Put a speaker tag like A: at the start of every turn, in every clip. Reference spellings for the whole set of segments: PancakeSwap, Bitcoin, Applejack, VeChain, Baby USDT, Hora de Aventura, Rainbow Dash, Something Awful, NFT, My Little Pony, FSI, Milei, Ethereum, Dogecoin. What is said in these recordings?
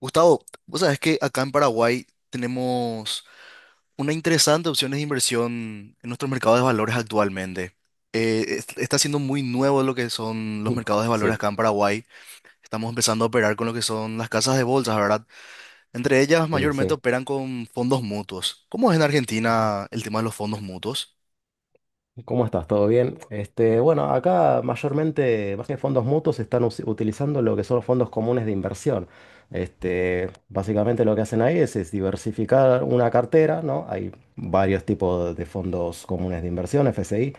A: Gustavo, vos sabés que acá en Paraguay tenemos una interesante opción de inversión en nuestro mercado de valores actualmente. Está siendo muy nuevo lo que son los mercados de valores
B: Sí,
A: acá en Paraguay. Estamos empezando a operar con lo que son las casas de bolsas, ¿verdad? Entre ellas mayormente
B: sí.
A: operan con fondos mutuos. ¿Cómo es en
B: Ujú.
A: Argentina el tema de los fondos mutuos?
B: ¿Cómo estás? ¿Todo bien? Bueno, acá mayormente, más que fondos mutuos, están utilizando lo que son los fondos comunes de inversión. Básicamente lo que hacen ahí es diversificar una cartera, ¿no? Hay varios tipos de fondos comunes de inversión, FSI,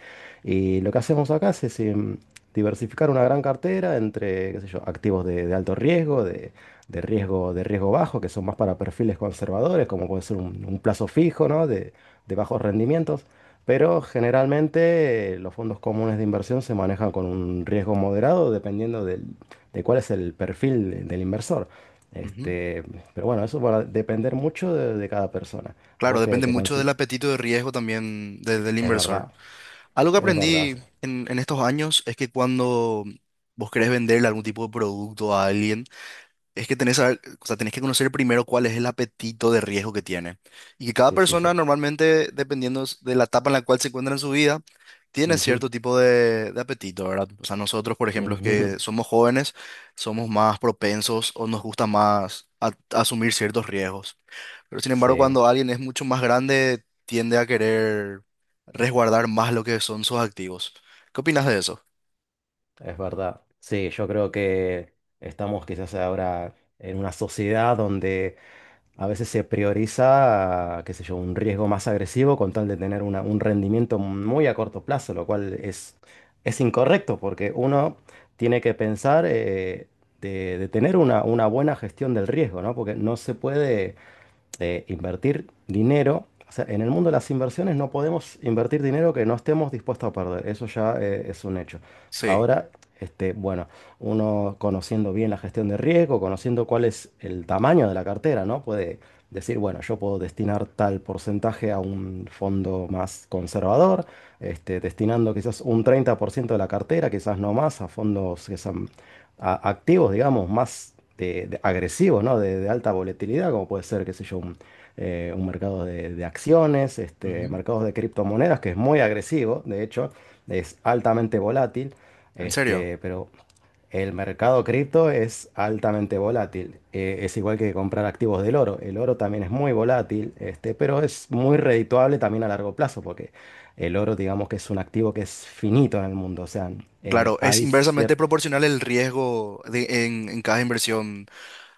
B: y lo que hacemos acá diversificar una gran cartera entre, qué sé yo, activos de alto riesgo, de riesgo bajo, que son más para perfiles conservadores, como puede ser un plazo fijo, ¿no? De bajos rendimientos. Pero generalmente los fondos comunes de inversión se manejan con un riesgo moderado dependiendo de cuál es el perfil del inversor.
A: Ujú.
B: Este, pero bueno, eso va a depender mucho de cada persona.
A: Claro,
B: Vos que
A: depende
B: te
A: mucho
B: consi-.
A: del apetito de riesgo también del
B: Es
A: inversor.
B: verdad,
A: Algo que
B: es verdad.
A: aprendí en estos años es que cuando vos querés venderle algún tipo de producto a alguien, es que o sea, tenés que conocer primero cuál es el apetito de riesgo que tiene. Y que cada
B: Sí, sí, sí,
A: persona
B: sí.
A: normalmente, dependiendo de la etapa en la cual se encuentra en su vida, tiene
B: Ujú,
A: cierto tipo de apetito, ¿verdad? O sea, nosotros, por ejemplo,
B: ujú.
A: que somos jóvenes, somos más propensos o nos gusta más asumir ciertos riesgos. Pero sin embargo,
B: Sí,
A: cuando alguien es mucho más grande, tiende a querer resguardar más lo que son sus activos. ¿Qué opinas de eso?
B: es verdad. Sí, yo creo que estamos quizás ahora en una sociedad donde a veces se prioriza, qué sé yo, un riesgo más agresivo con tal de tener un rendimiento muy a corto plazo, lo cual es incorrecto porque uno tiene que pensar de tener una buena gestión del riesgo, ¿no? Porque no se puede de invertir dinero. O sea, en el mundo de las inversiones no podemos invertir dinero que no estemos dispuestos a perder. Eso ya es un hecho.
A: Sí.
B: Ahora, bueno, uno conociendo bien la gestión de riesgo, conociendo cuál es el tamaño de la cartera, ¿no? Puede decir, bueno, yo puedo destinar tal porcentaje a un fondo más conservador, destinando quizás un 30% de la cartera, quizás no más, a fondos que sean activos, digamos, más de agresivos, ¿no? De alta volatilidad, como puede ser, qué sé yo, un mercado de acciones,
A: Ujú.
B: mercados de criptomonedas, que es muy agresivo, de hecho, es altamente volátil,
A: ¿En serio?
B: pero el mercado cripto es altamente volátil. Es igual que comprar activos del oro. El oro también es muy volátil, pero es muy redituable también a largo plazo, porque el oro, digamos que es un activo que es finito en el mundo, o sea,
A: Claro, es
B: hay
A: inversamente
B: cierto...
A: proporcional el riesgo en cada inversión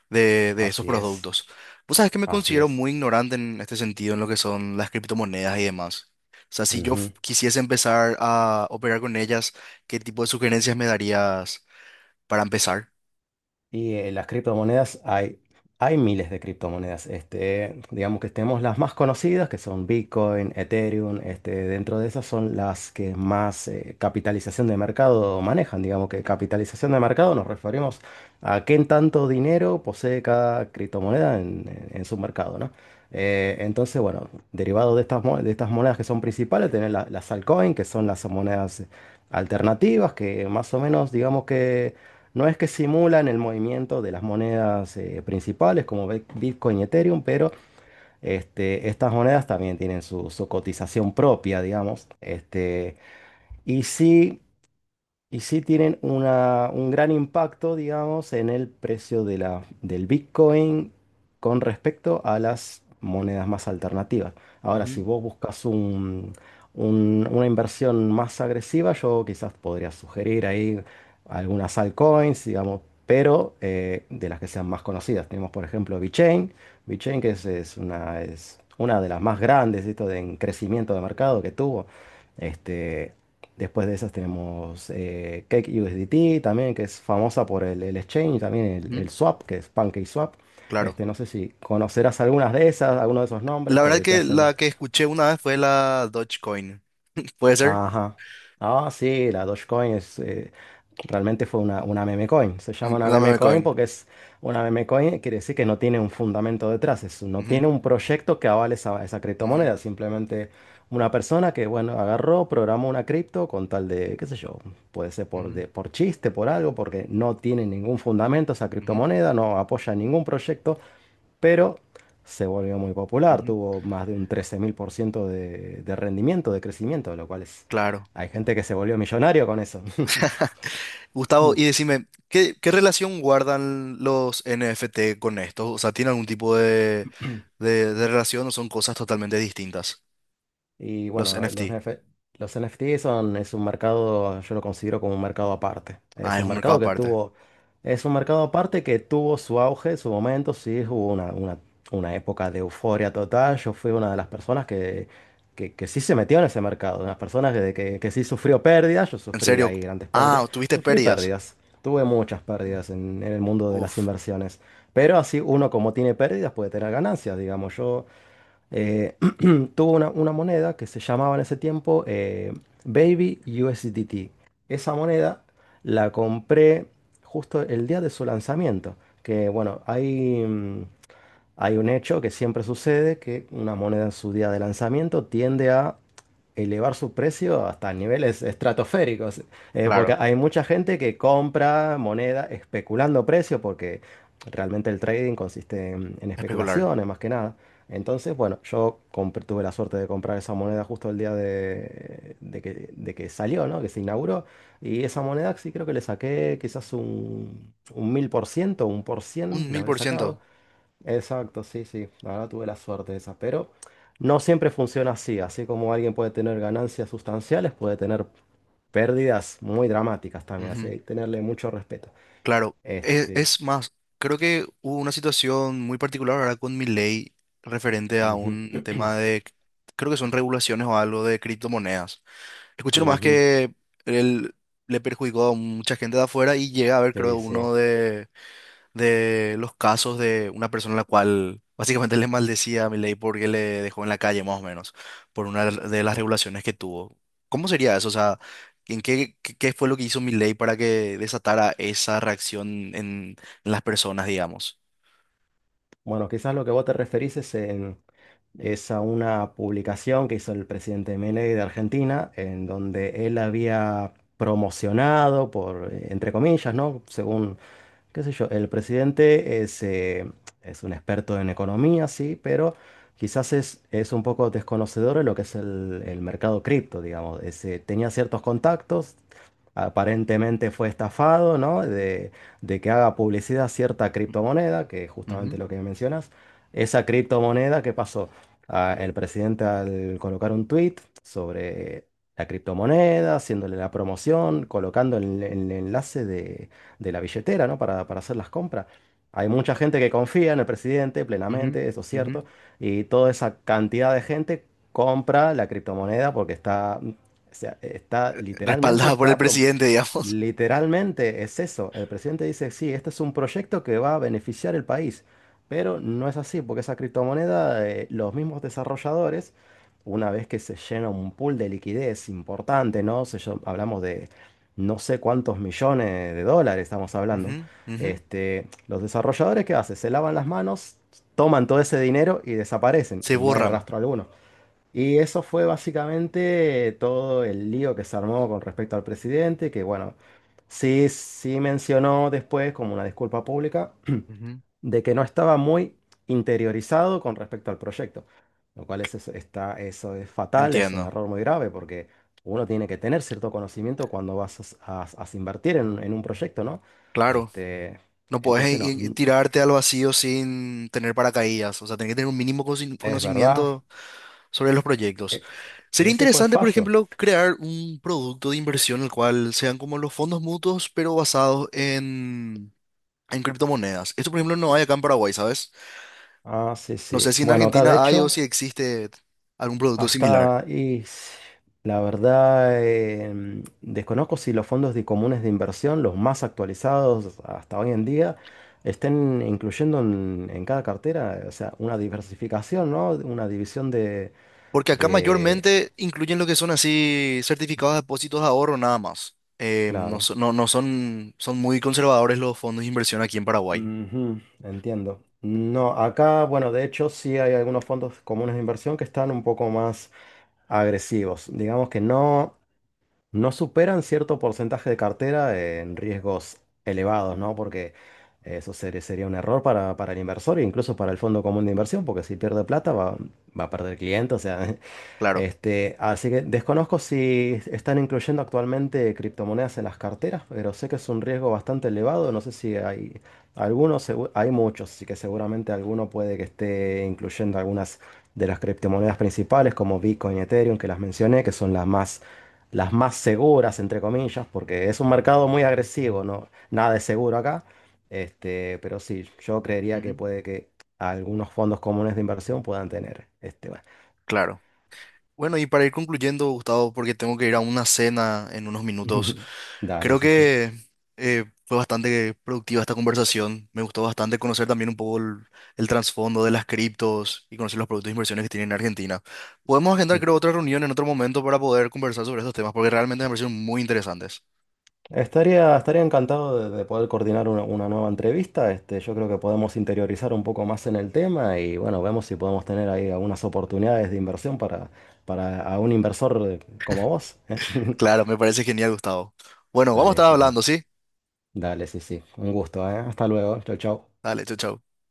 A: de esos
B: Así es.
A: productos. Vos sabés que me
B: Así
A: considero
B: es.
A: muy ignorante en este sentido, en lo que son las criptomonedas y demás. O sea, si
B: Ujú.
A: quisiese empezar a operar con ellas, ¿qué tipo de sugerencias me darías para empezar?
B: Y las criptomonedas, hay miles de criptomonedas. Digamos que tenemos las más conocidas, que son Bitcoin, Ethereum. Dentro de esas son las que más capitalización de mercado manejan. Digamos que capitalización de mercado nos referimos a qué tanto dinero posee cada criptomoneda en su mercado, ¿no? Entonces, bueno, derivado de estas, de estas monedas que son principales, tenemos las altcoins, que son las monedas alternativas, que más o menos, digamos que... No es que simulan el movimiento de las monedas principales como Bitcoin y Ethereum, pero estas monedas también tienen su cotización propia, digamos. Y sí, y sí tienen un gran impacto, digamos, en el precio de la, del Bitcoin con respecto a las monedas más alternativas. Ahora, si
A: Ujú,
B: vos buscas una inversión más agresiva, yo quizás podría sugerir ahí algunas altcoins, digamos, pero de las que sean más conocidas. Tenemos, por ejemplo, VeChain. VeChain, que es una de las más grandes, esto de en crecimiento de mercado que tuvo. Este, Después de esas tenemos Cake U S D T también, que es famosa por el exchange, también
A: ujú,
B: el swap, que es PancakeSwap.
A: claro.
B: No sé si conocerás algunas de esas, algunos de esos nombres,
A: La verdad
B: te
A: que
B: hacen.
A: la que escuché una vez fue la Dogecoin. ¿Puede ser?
B: Ajá. Ah, sí, la Dogecoin realmente fue una meme coin. Se llama
A: Ujú,
B: una
A: la
B: meme
A: meme
B: coin
A: coin.
B: porque es una meme coin, quiere decir que no tiene un fundamento detrás, no tiene
A: Ujú,
B: un proyecto que avale esa
A: ujú,
B: criptomoneda, simplemente una persona que, bueno, agarró, programó una cripto con tal de, qué sé yo, puede ser por,
A: ujú,
B: por chiste, por algo, porque no tiene ningún fundamento esa
A: ujú,
B: criptomoneda, no apoya ningún proyecto, pero se volvió muy popular,
A: ujú.
B: tuvo más de un 13.000% de rendimiento, de crecimiento, lo cual es...
A: Claro.
B: Hay gente que se volvió millonario con eso.
A: Gustavo, y decime, ¿qué, qué relación guardan los NFT con esto? O sea, ¿tiene algún tipo de relación o son cosas totalmente distintas?
B: Y
A: Los
B: bueno, los,
A: NFT.
B: NF los NFT son, es un mercado, yo lo considero como un mercado aparte.
A: Ah, es un mercado aparte.
B: Es un mercado aparte que tuvo su auge, su momento, sí, hubo una época de euforia total. Yo fui una de las personas que sí se metió en ese mercado, de las personas que sí sufrió pérdidas, yo
A: ¿En
B: sufrí
A: serio?
B: ahí grandes pérdidas,
A: Ah, ¿tuviste
B: sufrí
A: pérdidas?
B: pérdidas. Tuve muchas pérdidas en el mundo de las
A: Uf,
B: inversiones. Pero así uno como tiene pérdidas puede tener ganancias, digamos. Yo eh, tuvo una moneda que se llamaba en ese tiempo Baby USDT. Esa moneda la compré justo el día de su lanzamiento, que bueno, hay... hay un hecho que siempre sucede, que una moneda en su día de lanzamiento tiende a elevar su precio hasta niveles estratosféricos, porque
A: claro.
B: hay mucha gente que compra moneda especulando precio, porque realmente el trading consiste en
A: Especular.
B: especulaciones más que nada. Entonces, bueno, yo tuve la suerte de comprar esa moneda justo el día de, de que salió, ¿no? Que se inauguró. Y esa moneda sí creo que le saqué quizás un 1.000%, un por cien,
A: Un
B: le
A: mil
B: habré
A: por ciento.
B: sacado. Exacto, sí, sí, la verdad tuve la suerte esa, pero no siempre funciona así, así como alguien puede tener ganancias sustanciales, puede tener pérdidas muy dramáticas también, así que hay que tenerle mucho respeto.
A: Claro,
B: Este,
A: es, más, creo que hubo una situación muy particular ahora con mi ley referente a
B: ujú,
A: un tema de, creo que son regulaciones o algo de criptomonedas. Escuché nomás
B: ujú,
A: que él le perjudicó a mucha gente de afuera y llega a haber, creo,
B: sí, sí.
A: de los casos de una persona a la cual básicamente le maldecía a Milei porque le dejó en la calle más o menos por una de las regulaciones que tuvo. ¿Cómo sería eso? O sea, ¿en qué fue lo que hizo Milei para que desatara esa reacción en, en las personas, digamos?
B: Bueno, quizás lo que vos te referís es a una publicación que hizo el presidente Milei de Argentina, en donde él había promocionado, por, entre comillas, ¿no? Según qué sé yo, el presidente es un experto en economía, sí, pero quizás es un poco desconocedor de lo que es el mercado cripto, digamos. Tenía ciertos contactos, aparentemente fue estafado, ¿no? De que haga publicidad cierta criptomoneda, que es justamente
A: Ujú,
B: lo que mencionas. Esa criptomoneda, ¿qué pasó? Ah, el presidente al colocar un tweet sobre la criptomoneda, haciéndole la promoción, colocando el enlace de la billetera, ¿no? Para hacer las compras. Hay mucha gente que confía en el presidente
A: ujú,
B: plenamente, eso es
A: ujú.
B: cierto, y toda esa cantidad de gente compra la criptomoneda porque está, o sea, está literalmente,
A: Respaldada por el presidente, digamos.
B: literalmente es eso. El presidente dice, sí, este es un proyecto que va a beneficiar el país, pero no es así, porque esa criptomoneda, los mismos desarrolladores, una vez que se llena un pool de liquidez importante, ¿no? Hablamos de no sé cuántos millones de dólares estamos hablando.
A: Ujú, ujú.
B: Los desarrolladores, ¿qué hacen? Se lavan las manos, toman todo ese dinero y desaparecen,
A: Se
B: y no hay
A: borran.
B: rastro alguno. Y eso fue básicamente todo el lío que se armó con respecto al presidente, que bueno, sí mencionó después como una disculpa pública
A: Ujú.
B: de que no estaba muy interiorizado con respecto al proyecto, lo cual está, eso es fatal, es un
A: Entiendo.
B: error muy grave porque uno tiene que tener cierto conocimiento cuando vas a invertir en un proyecto, ¿no?
A: Claro.
B: Este,
A: No puedes
B: entonces no,
A: tirarte al vacío sin tener paracaídas. O sea, tenés que tener un mínimo
B: es verdad,
A: conocimiento sobre los proyectos.
B: e-
A: Sería
B: ese fue el
A: interesante, por
B: fallo.
A: ejemplo, crear un producto de inversión el cual sean como los fondos mutuos, pero basados en criptomonedas. Esto, por ejemplo, no hay acá en Paraguay, ¿sabes?
B: Ah, sí,
A: No
B: sí.
A: sé si en
B: Bueno, acá de
A: Argentina hay o
B: hecho...
A: si existe algún producto similar.
B: Hasta, y la verdad, desconozco si los fondos de comunes de inversión, los más actualizados hasta hoy en día, estén incluyendo en cada cartera, o sea, una diversificación, ¿no? Una división de,
A: Porque acá
B: de-
A: mayormente incluyen lo que son así certificados de depósitos de ahorro nada más.
B: Claro.
A: No son, son muy conservadores los fondos de inversión aquí en Paraguay.
B: Ujú, entiendo. No, acá, bueno, de hecho sí hay algunos fondos comunes de inversión que están un poco más agresivos. Digamos que no, no superan cierto porcentaje de cartera en riesgos elevados, ¿no? Porque eso sería un error para el inversor e incluso para el fondo común de inversión, porque si pierde plata va a perder clientes, o sea,
A: Claro.
B: Así que desconozco si están incluyendo actualmente criptomonedas en las carteras, pero sé que es un riesgo bastante elevado. No sé si hay algunos, hay muchos, así que seguramente alguno puede que esté incluyendo algunas de las criptomonedas principales como Bitcoin y Ethereum que las mencioné, que son las más seguras, entre comillas, porque es un mercado muy agresivo, ¿no? Nada es seguro acá. Pero sí, yo creería que
A: Ujú,
B: puede que algunos fondos comunes de inversión puedan tener.
A: claro. Bueno, y para ir concluyendo, Gustavo, porque tengo que ir a una cena en unos minutos,
B: Dale,
A: creo
B: sí, sí.
A: que fue bastante productiva esta conversación. Me gustó bastante conocer también un poco el trasfondo de las criptos y conocer los productos de inversiones que tienen en Argentina. Podemos agendar,
B: Mm.
A: creo, otra reunión en otro momento para poder conversar sobre estos temas, porque realmente me parecieron muy interesantes.
B: Estaría encantado de poder coordinar una nueva entrevista. Yo creo que podemos interiorizar un poco más en el tema y bueno, vemos si podemos tener ahí algunas oportunidades de inversión para a un inversor como vos, ¿eh?
A: Claro, me parece genial, Gustavo. Bueno, vamos a estar
B: Dale, bueno,
A: hablando, ¿sí?
B: dale, sí, sí. Un gusto, ¿eh? Hasta luego. Chau, chau.
A: Dale, chau, chau.